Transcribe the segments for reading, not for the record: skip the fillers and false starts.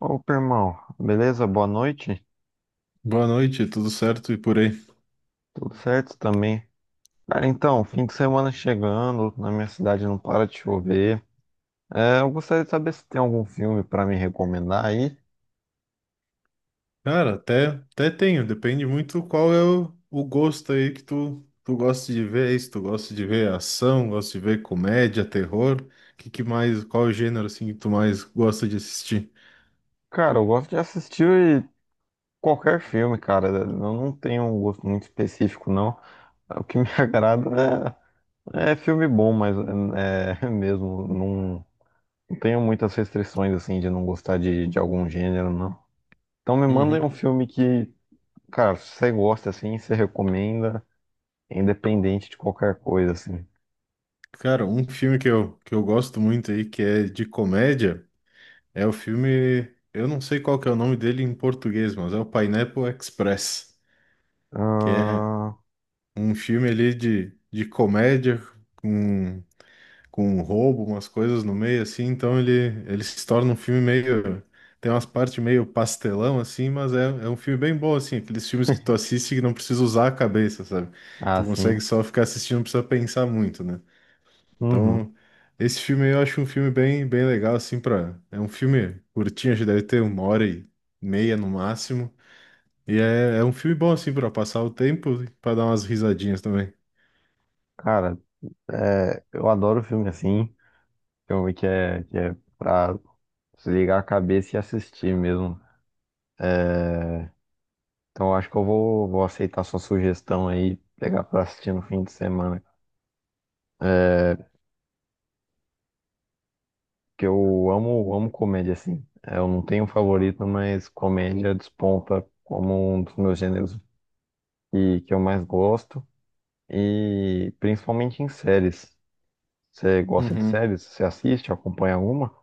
Opa, irmão, beleza? Boa noite. Boa noite, tudo certo e por aí? Tudo certo também. Cara, então, fim de semana chegando, na minha cidade não para de chover. É, eu gostaria de saber se tem algum filme pra me recomendar aí. Cara, até tenho, depende muito qual é o gosto aí que tu gosta de ver, é isso, tu gosta de ver ação, gosta de ver comédia, terror, que mais, qual o gênero assim que tu mais gosta de assistir? Cara, eu gosto de assistir qualquer filme, cara. Eu não tenho um gosto muito específico, não. O que me agrada é filme bom, mas é mesmo, não tenho muitas restrições assim de não gostar de algum gênero, não. Então me mandem um Uhum. filme que cara, se você gosta assim, você recomenda, é independente de qualquer coisa, assim. Cara, um filme que eu gosto muito aí, que é de comédia, é o filme, eu não sei qual que é o nome dele em português, mas é o Pineapple Express, que é Ah, um filme ali de comédia, com com um roubo, umas coisas no meio, assim, então ele se torna um filme meio. Tem umas partes meio pastelão, assim, mas é um filme bem bom, assim, aqueles filmes que tu assiste que não precisa usar a cabeça, sabe? ah, Tu consegue sim. só ficar assistindo, não precisa pensar muito, né? Uhum. Então, esse filme aí eu acho um filme bem, bem legal, assim, pra. É um filme curtinho, acho que deve ter uma hora e meia no máximo. E é um filme bom, assim, pra passar o tempo e pra dar umas risadinhas também. Cara, é, eu adoro filme assim. Filme que é pra desligar a cabeça e assistir mesmo. Então eu acho que eu vou aceitar sua sugestão aí, pegar pra assistir no fim de semana. Porque eu amo comédia, assim. É, eu não tenho um favorito, mas comédia desponta como um dos meus gêneros que eu mais gosto. E principalmente em séries. Você gosta de Uhum. séries? Você assiste, acompanha alguma?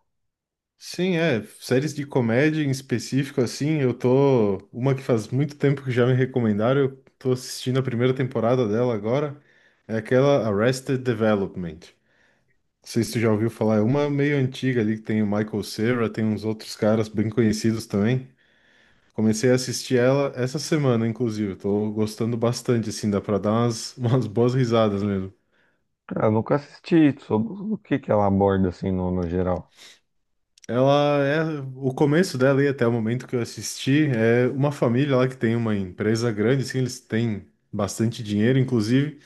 Sim, é. Séries de comédia em específico, assim, eu tô. Uma que faz muito tempo que já me recomendaram, eu tô assistindo a primeira temporada dela agora. É aquela Arrested Development. Não sei se tu já ouviu falar, é uma meio antiga ali que tem o Michael Cera, tem uns outros caras bem conhecidos também. Comecei a assistir ela essa semana, inclusive. Tô gostando bastante, assim, dá pra dar umas, umas boas risadas mesmo. Cara, eu nunca assisti. Sobre o que que ela aborda, assim, no, no geral. Ela é o começo dela e até o momento que eu assisti é uma família lá que tem uma empresa grande, assim, eles têm bastante dinheiro, inclusive.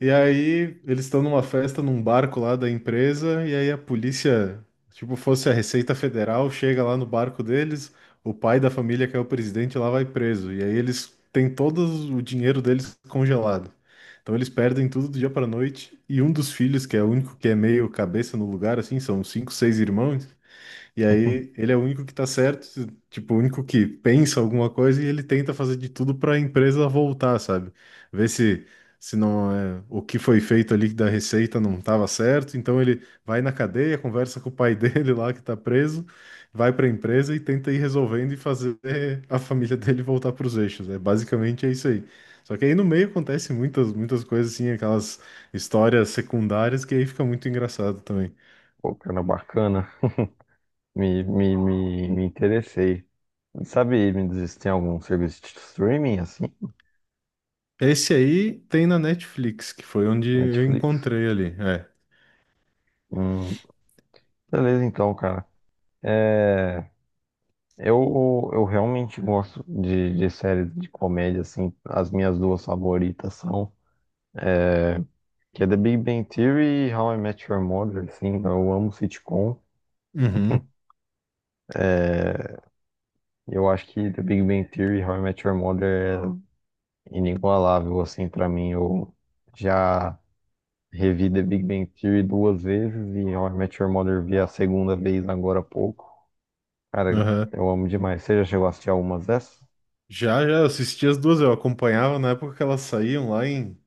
E aí eles estão numa festa num barco lá da empresa e aí a polícia, tipo, fosse a Receita Federal, chega lá no barco deles, o pai da família que é o presidente lá vai preso. E aí eles têm todo o dinheiro deles congelado. Então eles perdem tudo do dia para noite e um dos filhos, que é o único que é meio cabeça no lugar, assim, são cinco, seis irmãos. E aí ele é o único que tá certo, tipo, o único que pensa alguma coisa e ele tenta fazer de tudo para a empresa voltar, sabe? Ver se não é, o que foi feito ali da receita não estava certo, então ele vai na cadeia, conversa com o pai dele lá que tá preso, vai para a empresa e tenta ir resolvendo e fazer a família dele voltar para os eixos. É basicamente é isso aí. Só que aí no meio acontece muitas muitas coisas assim, aquelas histórias secundárias que aí fica muito engraçado também. Pô, cara, bacana. Me interessei. Sabe, me diz se tem algum serviço de streaming, assim? Esse aí tem na Netflix, que foi onde eu Netflix? encontrei ali. É. Hum, beleza, então, cara. É, eu realmente gosto de séries de comédia, assim. As minhas duas favoritas são, que é The Big Bang Theory e How I Met Your Mother, assim, eu amo sitcom. Uhum. É, eu acho que The Big Bang Theory e How I Met Your Mother é inigualável, assim, pra mim. Eu já revi The Big Bang Theory duas vezes e How I Met Your Mother vi a segunda vez agora há pouco. Cara, Aham. eu amo demais. Você já chegou a assistir algumas dessas? Já, já, eu assisti as duas, eu acompanhava na época que elas saíam lá em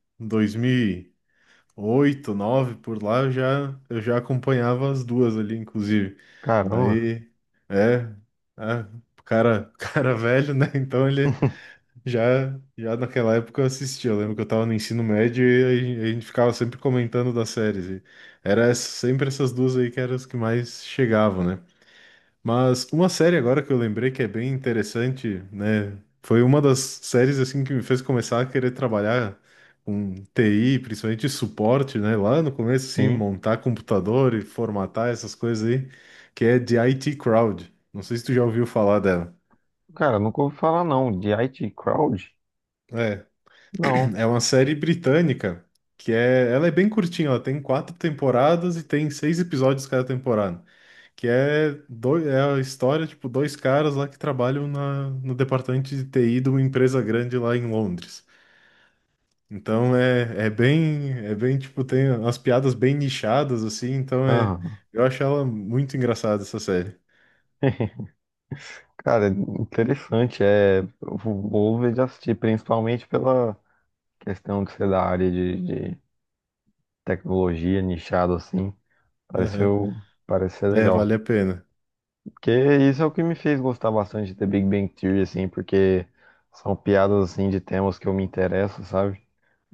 2008, nove por lá, eu já acompanhava as duas ali, inclusive. Caramba, Aí, é, é, o cara, o cara velho, né? Então ele, já, já naquela época eu assistia. Eu lembro que eu tava no ensino médio e a gente ficava sempre comentando das séries. E sempre essas duas aí que eram as que mais chegavam, né? Mas uma série agora que eu lembrei que é bem interessante, né? Foi uma das séries assim que me fez começar a querer trabalhar com TI, principalmente suporte, né? Lá no começo, assim, sim. montar computador e formatar essas coisas aí, que é de IT Crowd. Não sei se tu já ouviu falar dela. Cara, nunca ouvi falar, não. De IT Crowd? É. Não. É uma série britânica que é, ela é bem curtinha, ela tem quatro temporadas e tem seis episódios cada temporada, que é, dois, é a história, tipo, dois caras lá que trabalham na, no departamento de TI de uma empresa grande lá em Londres. Então é, é bem, tipo, tem umas piadas bem nichadas, assim, então é, Aham. eu acho ela muito engraçada, essa série. Cara, interessante. É, eu vou ver de assistir, principalmente pela questão de ser da área de tecnologia, nichado assim. Aham. Pareceu, parece ser É, legal. vale a pena. Porque isso é o que me fez gostar bastante de The Big Bang Theory, assim, porque são piadas assim de temas que eu me interesso, sabe?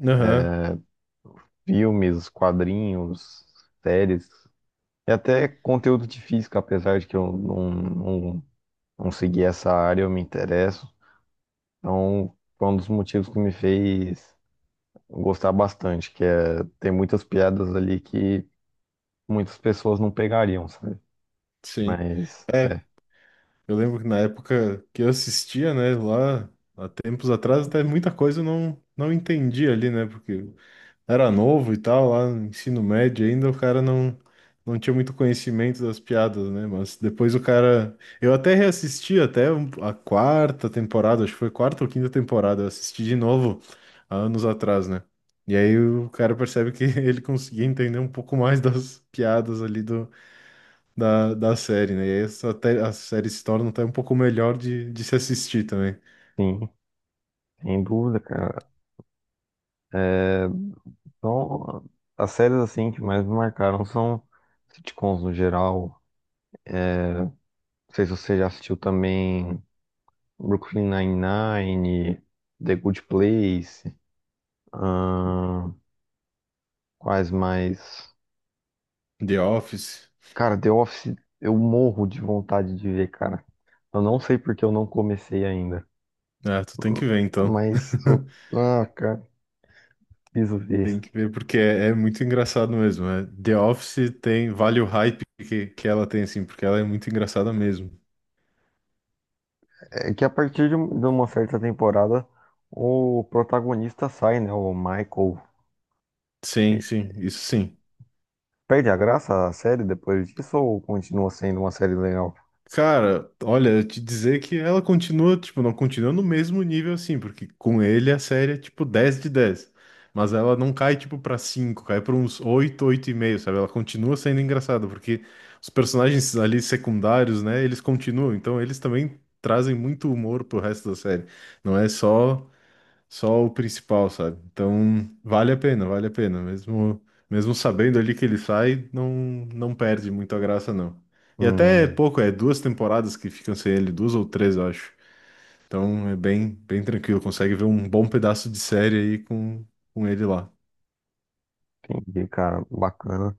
Aham, Filmes, quadrinhos, séries, e até conteúdo de física, apesar de que eu não segui essa área, eu me interesso. Então, foi um dos motivos que me fez gostar bastante, que é, tem muitas piadas ali que muitas pessoas não pegariam, sabe? sim. Mas, é, É, eu lembro que na época que eu assistia, né, lá há tempos atrás, até muita coisa eu não, não entendi ali, né, porque eu era novo e tal, lá no ensino médio ainda, o cara não, não tinha muito conhecimento das piadas, né, mas depois o cara. Eu até reassisti até a quarta temporada, acho que foi quarta ou quinta temporada, eu assisti de novo há anos atrás, né, e aí o cara percebe que ele conseguia entender um pouco mais das piadas ali da série, né? E aí a série se torna até um pouco melhor de se assistir também. sim, sem dúvida, cara. Então, as séries, assim, que mais me marcaram são sitcoms no geral. Não sei se você já assistiu também Brooklyn Nine-Nine, The Good Place, ahn, quais mais? The Office. Cara, The Office, eu morro de vontade de ver, cara. Eu não sei porque eu não comecei ainda, Ah, tu tem que ver então. mas eu... Ah, Isso, Tem isso. que ver, porque é, é muito engraçado mesmo. Né? The Office tem, vale o hype que ela tem, assim, porque ela é muito engraçada mesmo. É que a partir de, de uma certa temporada, o protagonista sai, né? O Michael. Sim, E sim, isso sim. perde a graça a série depois disso ou continua sendo uma série legal? Cara, olha, eu te dizer que ela continua, tipo, não continua no mesmo nível assim, porque com ele a série é tipo 10 de 10. Mas ela não cai tipo pra cinco, cai pra uns oito, oito e meio, sabe? Ela continua sendo engraçada, porque os personagens ali secundários, né, eles continuam, então eles também trazem muito humor pro resto da série. Não é só o principal, sabe? Então, vale a pena, vale a pena. Mesmo, mesmo sabendo ali que ele sai, não, não perde muito a graça, não. E até é Hum, pouco, é duas temporadas que ficam sem ele, duas ou três, eu acho. Então é bem, bem tranquilo, consegue ver um bom pedaço de série aí com ele lá. entendi, cara. Bacana.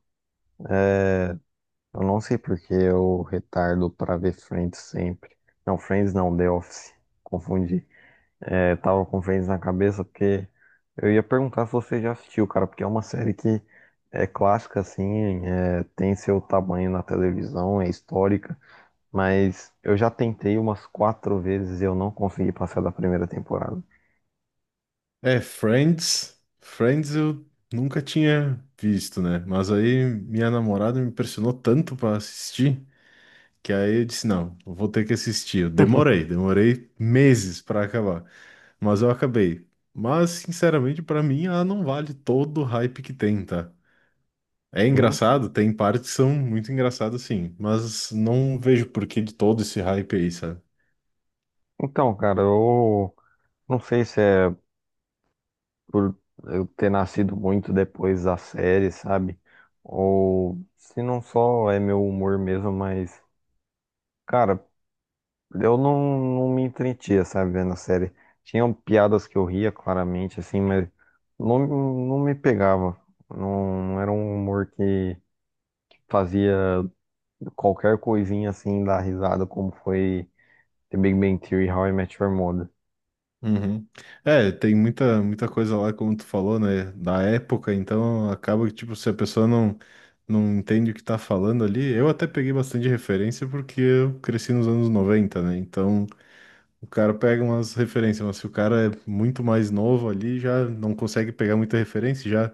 Eu não sei porque eu retardo pra ver Friends sempre. Não, Friends não, The Office. Confundi. É, tava com Friends na cabeça porque eu ia perguntar se você já assistiu, cara, porque é uma série que é clássica, assim, é, tem seu tamanho na televisão, é histórica. Mas eu já tentei umas quatro vezes e eu não consegui passar da primeira temporada. É, Friends. Friends eu nunca tinha visto, né? Mas aí minha namorada me pressionou tanto pra assistir que aí eu disse: não, eu vou ter que assistir. Eu demorei, demorei meses pra acabar. Mas eu acabei. Mas, sinceramente, pra mim, ela não vale todo o hype que tem, tá? É Sim. engraçado, tem partes que são muito engraçadas, sim. Mas não vejo porquê de todo esse hype aí, sabe? Então, cara, eu não sei se é por eu ter nascido muito depois da série, sabe? Ou se não só é meu humor mesmo, mas, cara, eu não me entretia, sabe, vendo a série. Tinham piadas que eu ria claramente, assim, mas não me pegava. Não era um humor que fazia qualquer coisinha assim dá risada, como foi The Big Bang Theory, How I Met Your Mother. Uhum. É, tem muita, muita coisa lá, como tu falou, né? Da época, então acaba que, tipo, se a pessoa não, não entende o que tá falando ali. Eu até peguei bastante referência porque eu cresci nos anos 90, né? Então. O cara pega umas referências, mas se o cara é muito mais novo ali, já não consegue pegar muita referência, já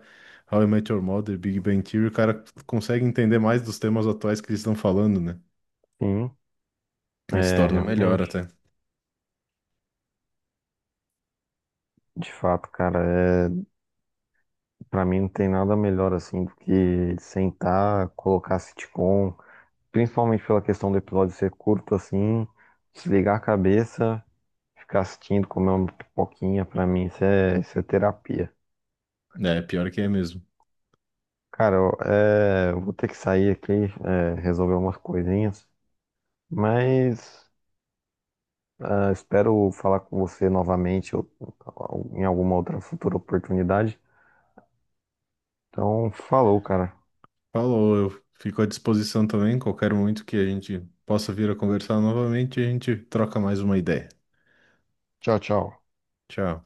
How I Met Your Mother, Big Bang Theory, o cara consegue entender mais dos temas atuais que eles estão falando, né? Sim, Aí se é, torna melhor realmente. até. De fato, cara, é, pra mim não tem nada melhor assim do que sentar, colocar sitcom, principalmente pela questão do episódio ser curto assim, desligar a cabeça, ficar assistindo, comer uma pipoquinha, pra mim isso é terapia. É, pior que é mesmo. Cara, eu, é, eu vou ter que sair aqui, é, resolver umas coisinhas, mas ah, espero falar com você novamente ou em alguma outra futura oportunidade. Então, falou, cara. Falou, eu fico à disposição também, qualquer momento que a gente possa vir a conversar novamente, a gente troca mais uma ideia. Tchau, tchau. Tchau.